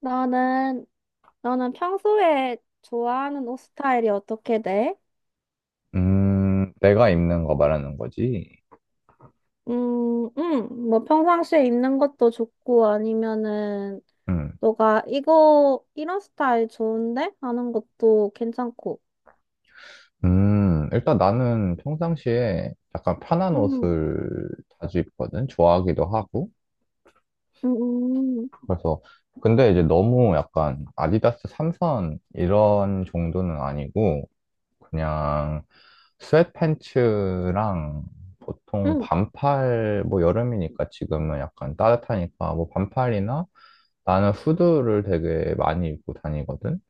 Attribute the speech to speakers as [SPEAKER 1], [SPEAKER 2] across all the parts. [SPEAKER 1] 너는, 너는 평소에 좋아하는 옷 스타일이 어떻게 돼?
[SPEAKER 2] 내가 입는 거 말하는 거지.
[SPEAKER 1] 뭐 평상시에 입는 것도 좋고 아니면은
[SPEAKER 2] 음,
[SPEAKER 1] 너가 이런 스타일 좋은데? 하는 것도 괜찮고.
[SPEAKER 2] 일단 나는 평상시에 약간 편한
[SPEAKER 1] 음,
[SPEAKER 2] 옷을 자주 입거든. 좋아하기도 하고.
[SPEAKER 1] 음, 음,
[SPEAKER 2] 그래서, 근데 이제 너무 약간 아디다스 3선 이런 정도는 아니고, 그냥 스웨트팬츠랑 보통
[SPEAKER 1] 음,
[SPEAKER 2] 반팔, 뭐 여름이니까 지금은 약간 따뜻하니까 뭐 반팔이나 나는 후드를 되게 많이 입고 다니거든.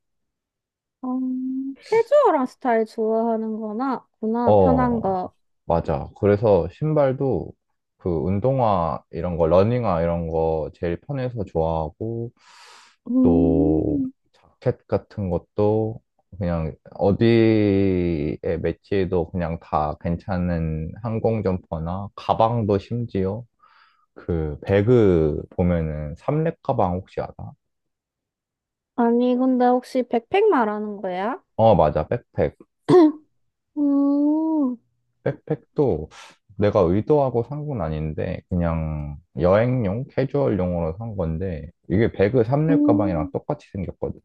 [SPEAKER 1] 어, 캐주얼한 스타일 좋아하는 구나,
[SPEAKER 2] 어,
[SPEAKER 1] 편한 거.
[SPEAKER 2] 맞아. 그래서 신발도 그 운동화 이런 거, 러닝화 이런 거 제일 편해서 좋아하고 또
[SPEAKER 1] 음,
[SPEAKER 2] 자켓 같은 것도 그냥 어디에 매치해도 그냥 다 괜찮은 항공 점퍼나 가방도 심지어 그 배그 보면은 삼렙 가방 혹시 알아?
[SPEAKER 1] 아니, 근데 혹시 백팩 말하는 거야?
[SPEAKER 2] 어, 맞아. 백팩.
[SPEAKER 1] 음.
[SPEAKER 2] 백팩도 내가 의도하고 산 건 아닌데 그냥 여행용 캐주얼용으로 산 건데 이게 배그 삼립 가방이랑
[SPEAKER 1] 음.
[SPEAKER 2] 똑같이 생겼거든.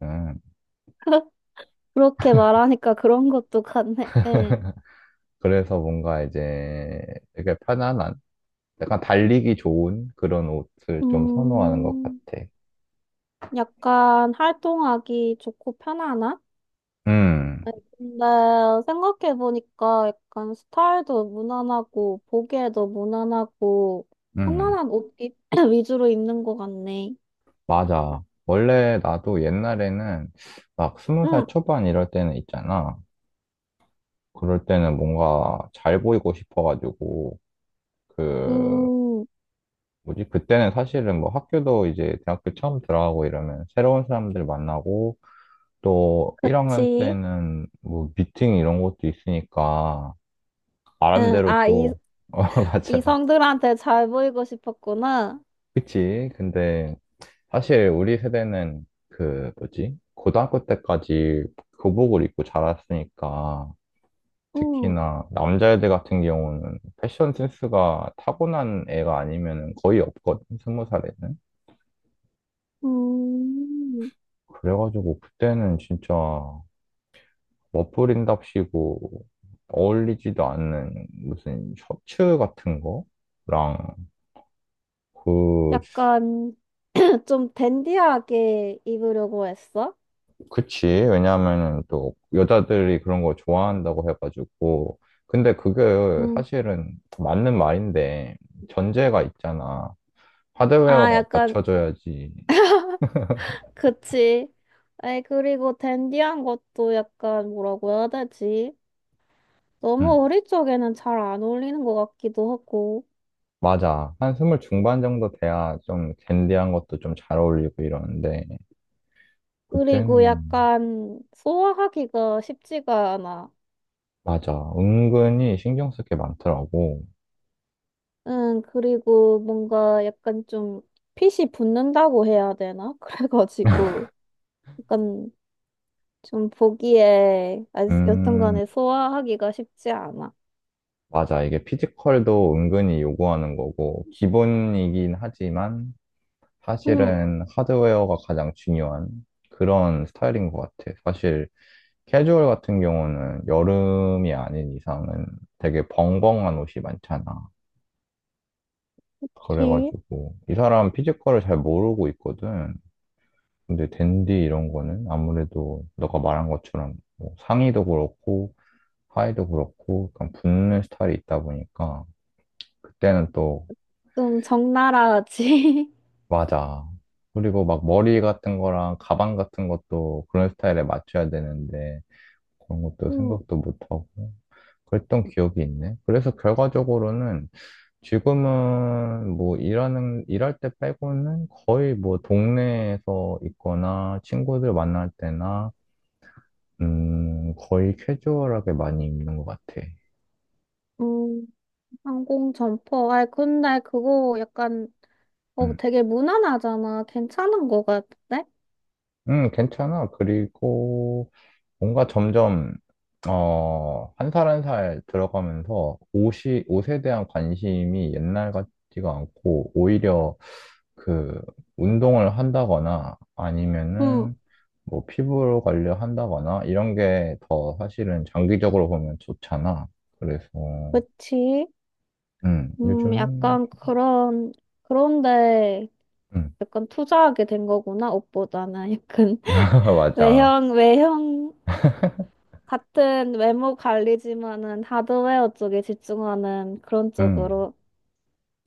[SPEAKER 1] 그렇게 말하니까 그런 것도 같네. 예.
[SPEAKER 2] 그래서 뭔가 이제 되게 편안한 약간 달리기 좋은 그런 옷을 좀 선호하는 것
[SPEAKER 1] 음,
[SPEAKER 2] 같아.
[SPEAKER 1] 약간 활동하기 좋고 편안한?
[SPEAKER 2] 음,
[SPEAKER 1] 근데 생각해보니까 약간 스타일도 무난하고, 보기에도 무난하고,
[SPEAKER 2] 음,
[SPEAKER 1] 편안한 옷 위주로 입는 것 같네.
[SPEAKER 2] 맞아. 원래 나도 옛날에는 막 20살
[SPEAKER 1] 응,
[SPEAKER 2] 초반 이럴 때는 있잖아. 그럴 때는 뭔가 잘 보이고 싶어가지고, 그,
[SPEAKER 1] 음,
[SPEAKER 2] 뭐지? 그때는 사실은 뭐 학교도 이제 대학교 처음 들어가고 이러면 새로운 사람들 만나고 또 1학년
[SPEAKER 1] 그치.
[SPEAKER 2] 때는 뭐 미팅 이런 것도 있으니까
[SPEAKER 1] 응,
[SPEAKER 2] 나름대로 또, 어, 맞아, 맞아.
[SPEAKER 1] 이성들한테 잘 보이고 싶었구나.
[SPEAKER 2] 그치? 근데 사실 우리 세대는 그 뭐지? 고등학교 때까지 교복을 입고 자랐으니까
[SPEAKER 1] 응,
[SPEAKER 2] 특히나 남자애들 같은 경우는 패션 센스가 타고난 애가 아니면 거의 없거든, 20살에는.
[SPEAKER 1] 음,
[SPEAKER 2] 그래가지고 그때는 진짜 머플인답시고 어울리지도 않는 무슨 셔츠 같은 거랑 그.
[SPEAKER 1] 약간 좀 댄디하게 입으려고 했어?
[SPEAKER 2] 그치? 왜냐하면은 또 여자들이 그런 거 좋아한다고 해가지고. 근데 그게
[SPEAKER 1] 음.
[SPEAKER 2] 사실은 맞는 말인데 전제가 있잖아.
[SPEAKER 1] 아,
[SPEAKER 2] 하드웨어가
[SPEAKER 1] 약간,
[SPEAKER 2] 받쳐줘야지.
[SPEAKER 1] 그치. 아이, 그리고 댄디한 것도 약간 뭐라고 해야 되지? 너무
[SPEAKER 2] 응.
[SPEAKER 1] 우리 쪽에는 잘 안 어울리는 것 같기도 하고.
[SPEAKER 2] 맞아, 한 스물 중반 정도 돼야 좀 댄디한 것도 좀 잘 어울리고 이러는데 그땐,
[SPEAKER 1] 그리고 약간 소화하기가 쉽지가 않아.
[SPEAKER 2] 맞아, 은근히 신경 쓸 게 많더라고.
[SPEAKER 1] 응, 그리고 뭔가 약간 좀 핏이 붙는다고 해야 되나? 그래가지고 약간 좀 보기에 아, 여튼
[SPEAKER 2] 음,
[SPEAKER 1] 간에 소화하기가 쉽지 않아.
[SPEAKER 2] 맞아. 이게 피지컬도 은근히 요구하는 거고, 기본이긴 하지만,
[SPEAKER 1] 응,
[SPEAKER 2] 사실은 하드웨어가 가장 중요한 그런 스타일인 것 같아. 사실, 캐주얼 같은 경우는 여름이 아닌 이상은 되게 벙벙한 옷이 많잖아.
[SPEAKER 1] 그치?
[SPEAKER 2] 그래가지고, 이 사람 피지컬을 잘 모르고 있거든. 근데 댄디 이런 거는 아무래도 너가 말한 것처럼 뭐 상의도 그렇고, 하의도 그렇고, 약간 붙는 스타일이 있다 보니까, 그때는 또
[SPEAKER 1] 좀 적나라하지.
[SPEAKER 2] 맞아. 그리고 막 머리 같은 거랑 가방 같은 것도 그런 스타일에 맞춰야 되는데 그런 것도
[SPEAKER 1] 응.
[SPEAKER 2] 생각도 못하고 그랬던 기억이 있네. 그래서 결과적으로는 지금은 뭐 일하는, 일할 때 빼고는 거의 뭐 동네에서 있거나 친구들 만날 때나 거의 캐주얼하게 많이 입는 것 같아.
[SPEAKER 1] 응. 항공 점퍼. 아, 근데 그거 약간 어
[SPEAKER 2] 응,
[SPEAKER 1] 되게 무난하잖아. 괜찮은 거 같은데?
[SPEAKER 2] 응, 괜찮아. 그리고 뭔가 점점, 어, 한 살 한 살 들어가면서 옷이, 옷에 대한 관심이 옛날 같지가 않고, 오히려 그, 운동을 한다거나,
[SPEAKER 1] 응,
[SPEAKER 2] 아니면은, 뭐, 피부 관리 한다거나, 이런 게 더 사실은 장기적으로 보면 좋잖아. 그래서,
[SPEAKER 1] 그치?
[SPEAKER 2] 요즘은,
[SPEAKER 1] 약간 그런 그런데
[SPEAKER 2] 음,
[SPEAKER 1] 약간 투자하게 된 거구나. 옷보다는 약간
[SPEAKER 2] 맞아.
[SPEAKER 1] 외형 같은 외모 관리지만은 하드웨어 쪽에 집중하는 그런
[SPEAKER 2] 음,
[SPEAKER 1] 쪽으로.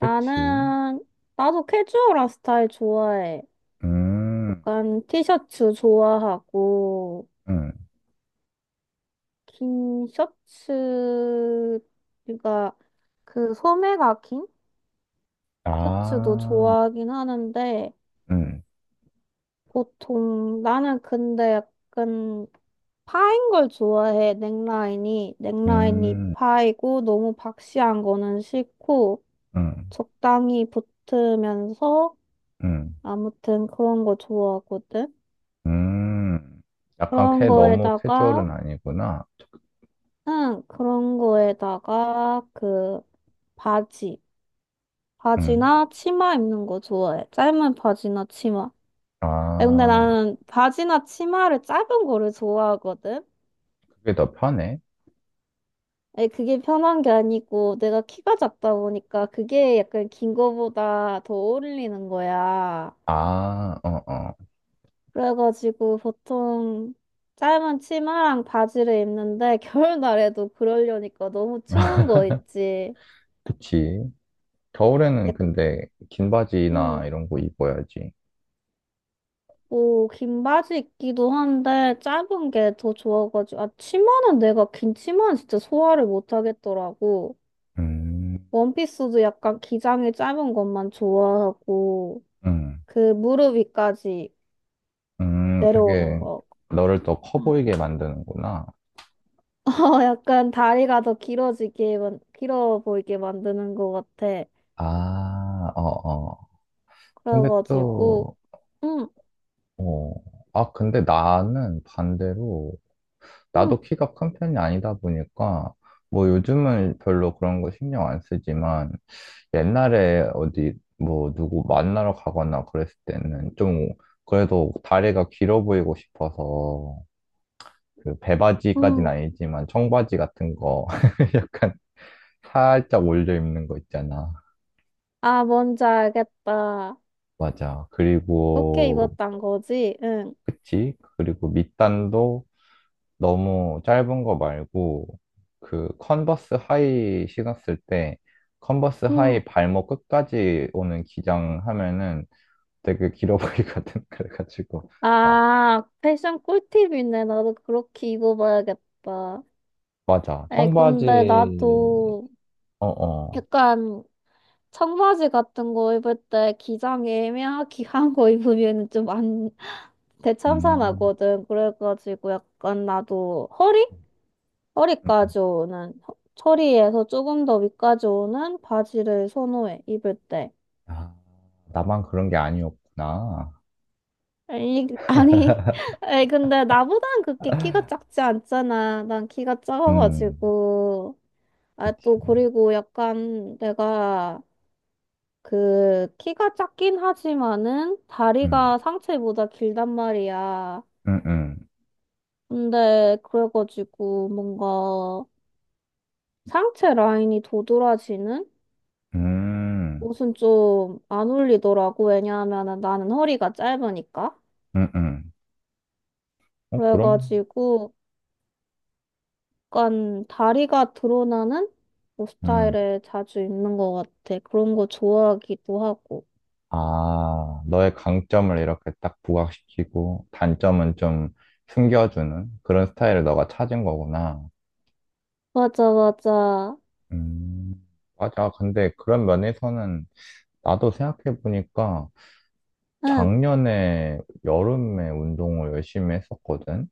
[SPEAKER 2] 그치.
[SPEAKER 1] 나도 캐주얼한 스타일 좋아해.
[SPEAKER 2] 음,
[SPEAKER 1] 약간 티셔츠 좋아하고.
[SPEAKER 2] 음,
[SPEAKER 1] 긴 셔츠가 그 소매가 긴 셔츠도
[SPEAKER 2] 아,
[SPEAKER 1] 좋아하긴 하는데
[SPEAKER 2] 음,
[SPEAKER 1] 보통 나는 근데 약간 파인 걸 좋아해. 넥라인이
[SPEAKER 2] 음,
[SPEAKER 1] 파이고 너무 박시한 거는 싫고
[SPEAKER 2] 음,
[SPEAKER 1] 적당히 붙으면서
[SPEAKER 2] 음.
[SPEAKER 1] 아무튼 그런 거 좋아하거든.
[SPEAKER 2] 음, 약간
[SPEAKER 1] 그런
[SPEAKER 2] 캐, 너무
[SPEAKER 1] 거에다가
[SPEAKER 2] 캐주얼은 아니구나.
[SPEAKER 1] 응 그런 거에다가 그 바지
[SPEAKER 2] 음,
[SPEAKER 1] 바지나 치마 입는 거 좋아해. 짧은 바지나 치마. 에, 근데
[SPEAKER 2] 아,
[SPEAKER 1] 나는 바지나 치마를 짧은 거를 좋아하거든.
[SPEAKER 2] 그게 더 편해?
[SPEAKER 1] 에, 그게 편한 게 아니고 내가 키가 작다 보니까 그게 약간 긴 거보다 더 어울리는 거야.
[SPEAKER 2] 아, 어, 어.
[SPEAKER 1] 그래가지고 보통 짧은 치마랑 바지를 입는데 겨울날에도 그러려니까 너무 추운 거 있지.
[SPEAKER 2] 그치. 겨울에는
[SPEAKER 1] 약-
[SPEAKER 2] 근데 긴 바지나
[SPEAKER 1] 음.
[SPEAKER 2] 이런 거 입어야지.
[SPEAKER 1] 뭐, 긴 바지 입기도 한데, 짧은 게 더 좋아가지고, 아, 치마는 내가 긴 치마는 진짜 소화를 못 하겠더라고.
[SPEAKER 2] 음,
[SPEAKER 1] 원피스도 약간 기장이 짧은 것만 좋아하고,
[SPEAKER 2] 음,
[SPEAKER 1] 그 무릎 위까지 내려오는
[SPEAKER 2] 되게
[SPEAKER 1] 거.
[SPEAKER 2] 너를 더 커
[SPEAKER 1] 음.
[SPEAKER 2] 보이게 만드는구나.
[SPEAKER 1] 어, 약간 다리가 더 길어지게, 길어 보이게 만드는 것 같아.
[SPEAKER 2] 아, 어, 어. 근데
[SPEAKER 1] 그래가지고,
[SPEAKER 2] 또,
[SPEAKER 1] 응,
[SPEAKER 2] 어. 아, 근데 나는 반대로,
[SPEAKER 1] 응,
[SPEAKER 2] 나도 키가 큰 편이 아니다 보니까, 뭐 요즘은 별로 그런 거 신경 안 쓰지만, 옛날에 어디 뭐 누구 만나러 가거나 그랬을 때는 좀 그래도 다리가 길어 보이고 싶어서 그 배바지까지는
[SPEAKER 1] 응.
[SPEAKER 2] 아니지만 청바지 같은 거 약간 살짝 올려 입는 거 있잖아.
[SPEAKER 1] 아, 뭔지 알겠다.
[SPEAKER 2] 맞아.
[SPEAKER 1] 그렇게
[SPEAKER 2] 그리고
[SPEAKER 1] 입었단 거지? 응,
[SPEAKER 2] 그치? 그리고 밑단도 너무 짧은 거 말고 그 컨버스 하이 신었을 때 컨버스
[SPEAKER 1] 응.
[SPEAKER 2] 하이 발목 끝까지 오는 기장 하면은 되게 길어 보이거든. 그래가지고. 아,
[SPEAKER 1] 아, 패션 꿀팁이네. 나도 그렇게 입어봐야겠다.
[SPEAKER 2] 맞아.
[SPEAKER 1] 아이, 근데
[SPEAKER 2] 청바지,
[SPEAKER 1] 나도
[SPEAKER 2] 어, 어.
[SPEAKER 1] 약간 청바지 같은 거 입을 때 기장이 애매하게 한 거 입으면 좀 안,
[SPEAKER 2] 음,
[SPEAKER 1] 대참사나거든. 그래가지고 약간 나도 허리?
[SPEAKER 2] 음, 음.
[SPEAKER 1] 허리까지 오는, 허리에서 조금 더 위까지 오는 바지를 선호해, 입을 때.
[SPEAKER 2] 아, 나만 그런 게 아니었구나.
[SPEAKER 1] 아니, 아니, 아니, 근데 나보단 그렇게 키가 작지 않잖아. 난 키가
[SPEAKER 2] 음,
[SPEAKER 1] 작아가지고. 아,
[SPEAKER 2] 그치.
[SPEAKER 1] 또, 그리고 약간 내가 그 키가 작긴 하지만은
[SPEAKER 2] 음,
[SPEAKER 1] 다리가 상체보다 길단 말이야.
[SPEAKER 2] 음, 음,
[SPEAKER 1] 근데 그래가지고 뭔가 상체 라인이 도드라지는
[SPEAKER 2] 음,
[SPEAKER 1] 옷은 좀 안 어울리더라고. 왜냐하면은 나는 허리가 짧으니까.
[SPEAKER 2] 음, 음. 어, 그럼,
[SPEAKER 1] 그래가지고 약간 다리가 드러나는 옷
[SPEAKER 2] 음.
[SPEAKER 1] 스타일을 자주 입는 것 같아. 그런 거 좋아하기도 하고.
[SPEAKER 2] 아, 너의 강점을 이렇게 딱 부각시키고, 단점은 좀 숨겨주는 그런 스타일을 너가 찾은 거구나.
[SPEAKER 1] 맞아, 맞아.
[SPEAKER 2] 음, 맞아. 근데 그런 면에서는 나도 생각해보니까
[SPEAKER 1] 응.
[SPEAKER 2] 작년에 여름에 운동을 열심히 했었거든.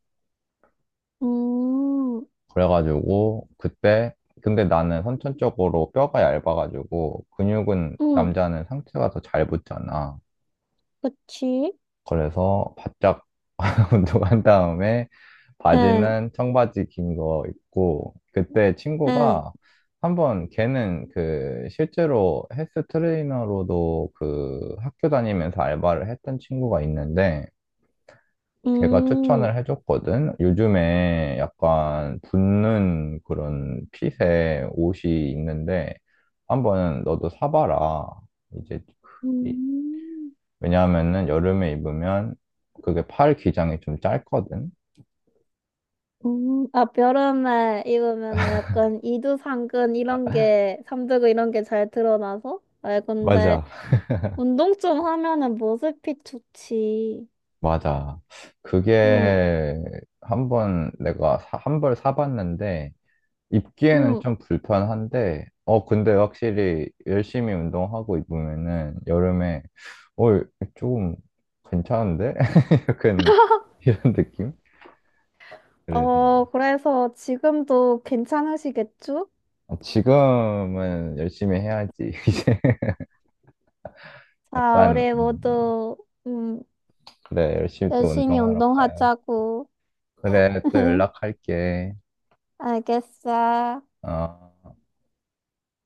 [SPEAKER 1] 음.
[SPEAKER 2] 그래가지고 그때, 근데 나는 선천적으로 뼈가 얇아가지고 근육은
[SPEAKER 1] 응,
[SPEAKER 2] 남자는 상체가 더 잘 붙잖아.
[SPEAKER 1] 그치?
[SPEAKER 2] 그래서 바짝 운동한 다음에
[SPEAKER 1] 응,
[SPEAKER 2] 바지는 청바지 긴 거 입고 그때
[SPEAKER 1] 응.
[SPEAKER 2] 친구가 한번 걔는 그 실제로 헬스 트레이너로도 그 학교 다니면서 알바를 했던 친구가 있는데 걔가
[SPEAKER 1] 음,
[SPEAKER 2] 추천을 해줬거든. 요즘에 약간 붙는 그런 핏의 옷이 있는데 한번 너도 사봐라. 이제 그- 이-
[SPEAKER 1] 음,
[SPEAKER 2] 왜냐하면은 여름에 입으면 그게 팔 기장이 좀 짧거든.
[SPEAKER 1] 아, 여름에 입으면은 약간 이두상근 이런 게, 삼두근 이런 게 잘 드러나서? 아, 근데
[SPEAKER 2] 맞아.
[SPEAKER 1] 운동 좀 하면은 모습이 좋지.
[SPEAKER 2] 맞아.
[SPEAKER 1] 응,
[SPEAKER 2] 그게 한번 내가 한 벌 사봤는데 입기에는
[SPEAKER 1] 응.
[SPEAKER 2] 좀 불편한데, 어, 근데 확실히 열심히 운동하고 입으면은 여름에, 어, 조금 괜찮은데? 약간 이런 느낌? 그래서
[SPEAKER 1] 어, 그래서 지금도 괜찮으시겠죠?
[SPEAKER 2] 아, 지금은 열심히 해야지. 이제
[SPEAKER 1] 자,
[SPEAKER 2] 약간,
[SPEAKER 1] 우리 모두, 음,
[SPEAKER 2] 그래, 열심히 또
[SPEAKER 1] 열심히
[SPEAKER 2] 운동하러 가야.
[SPEAKER 1] 운동하자고.
[SPEAKER 2] 그래, 또 연락할게.
[SPEAKER 1] 알겠어.
[SPEAKER 2] 어.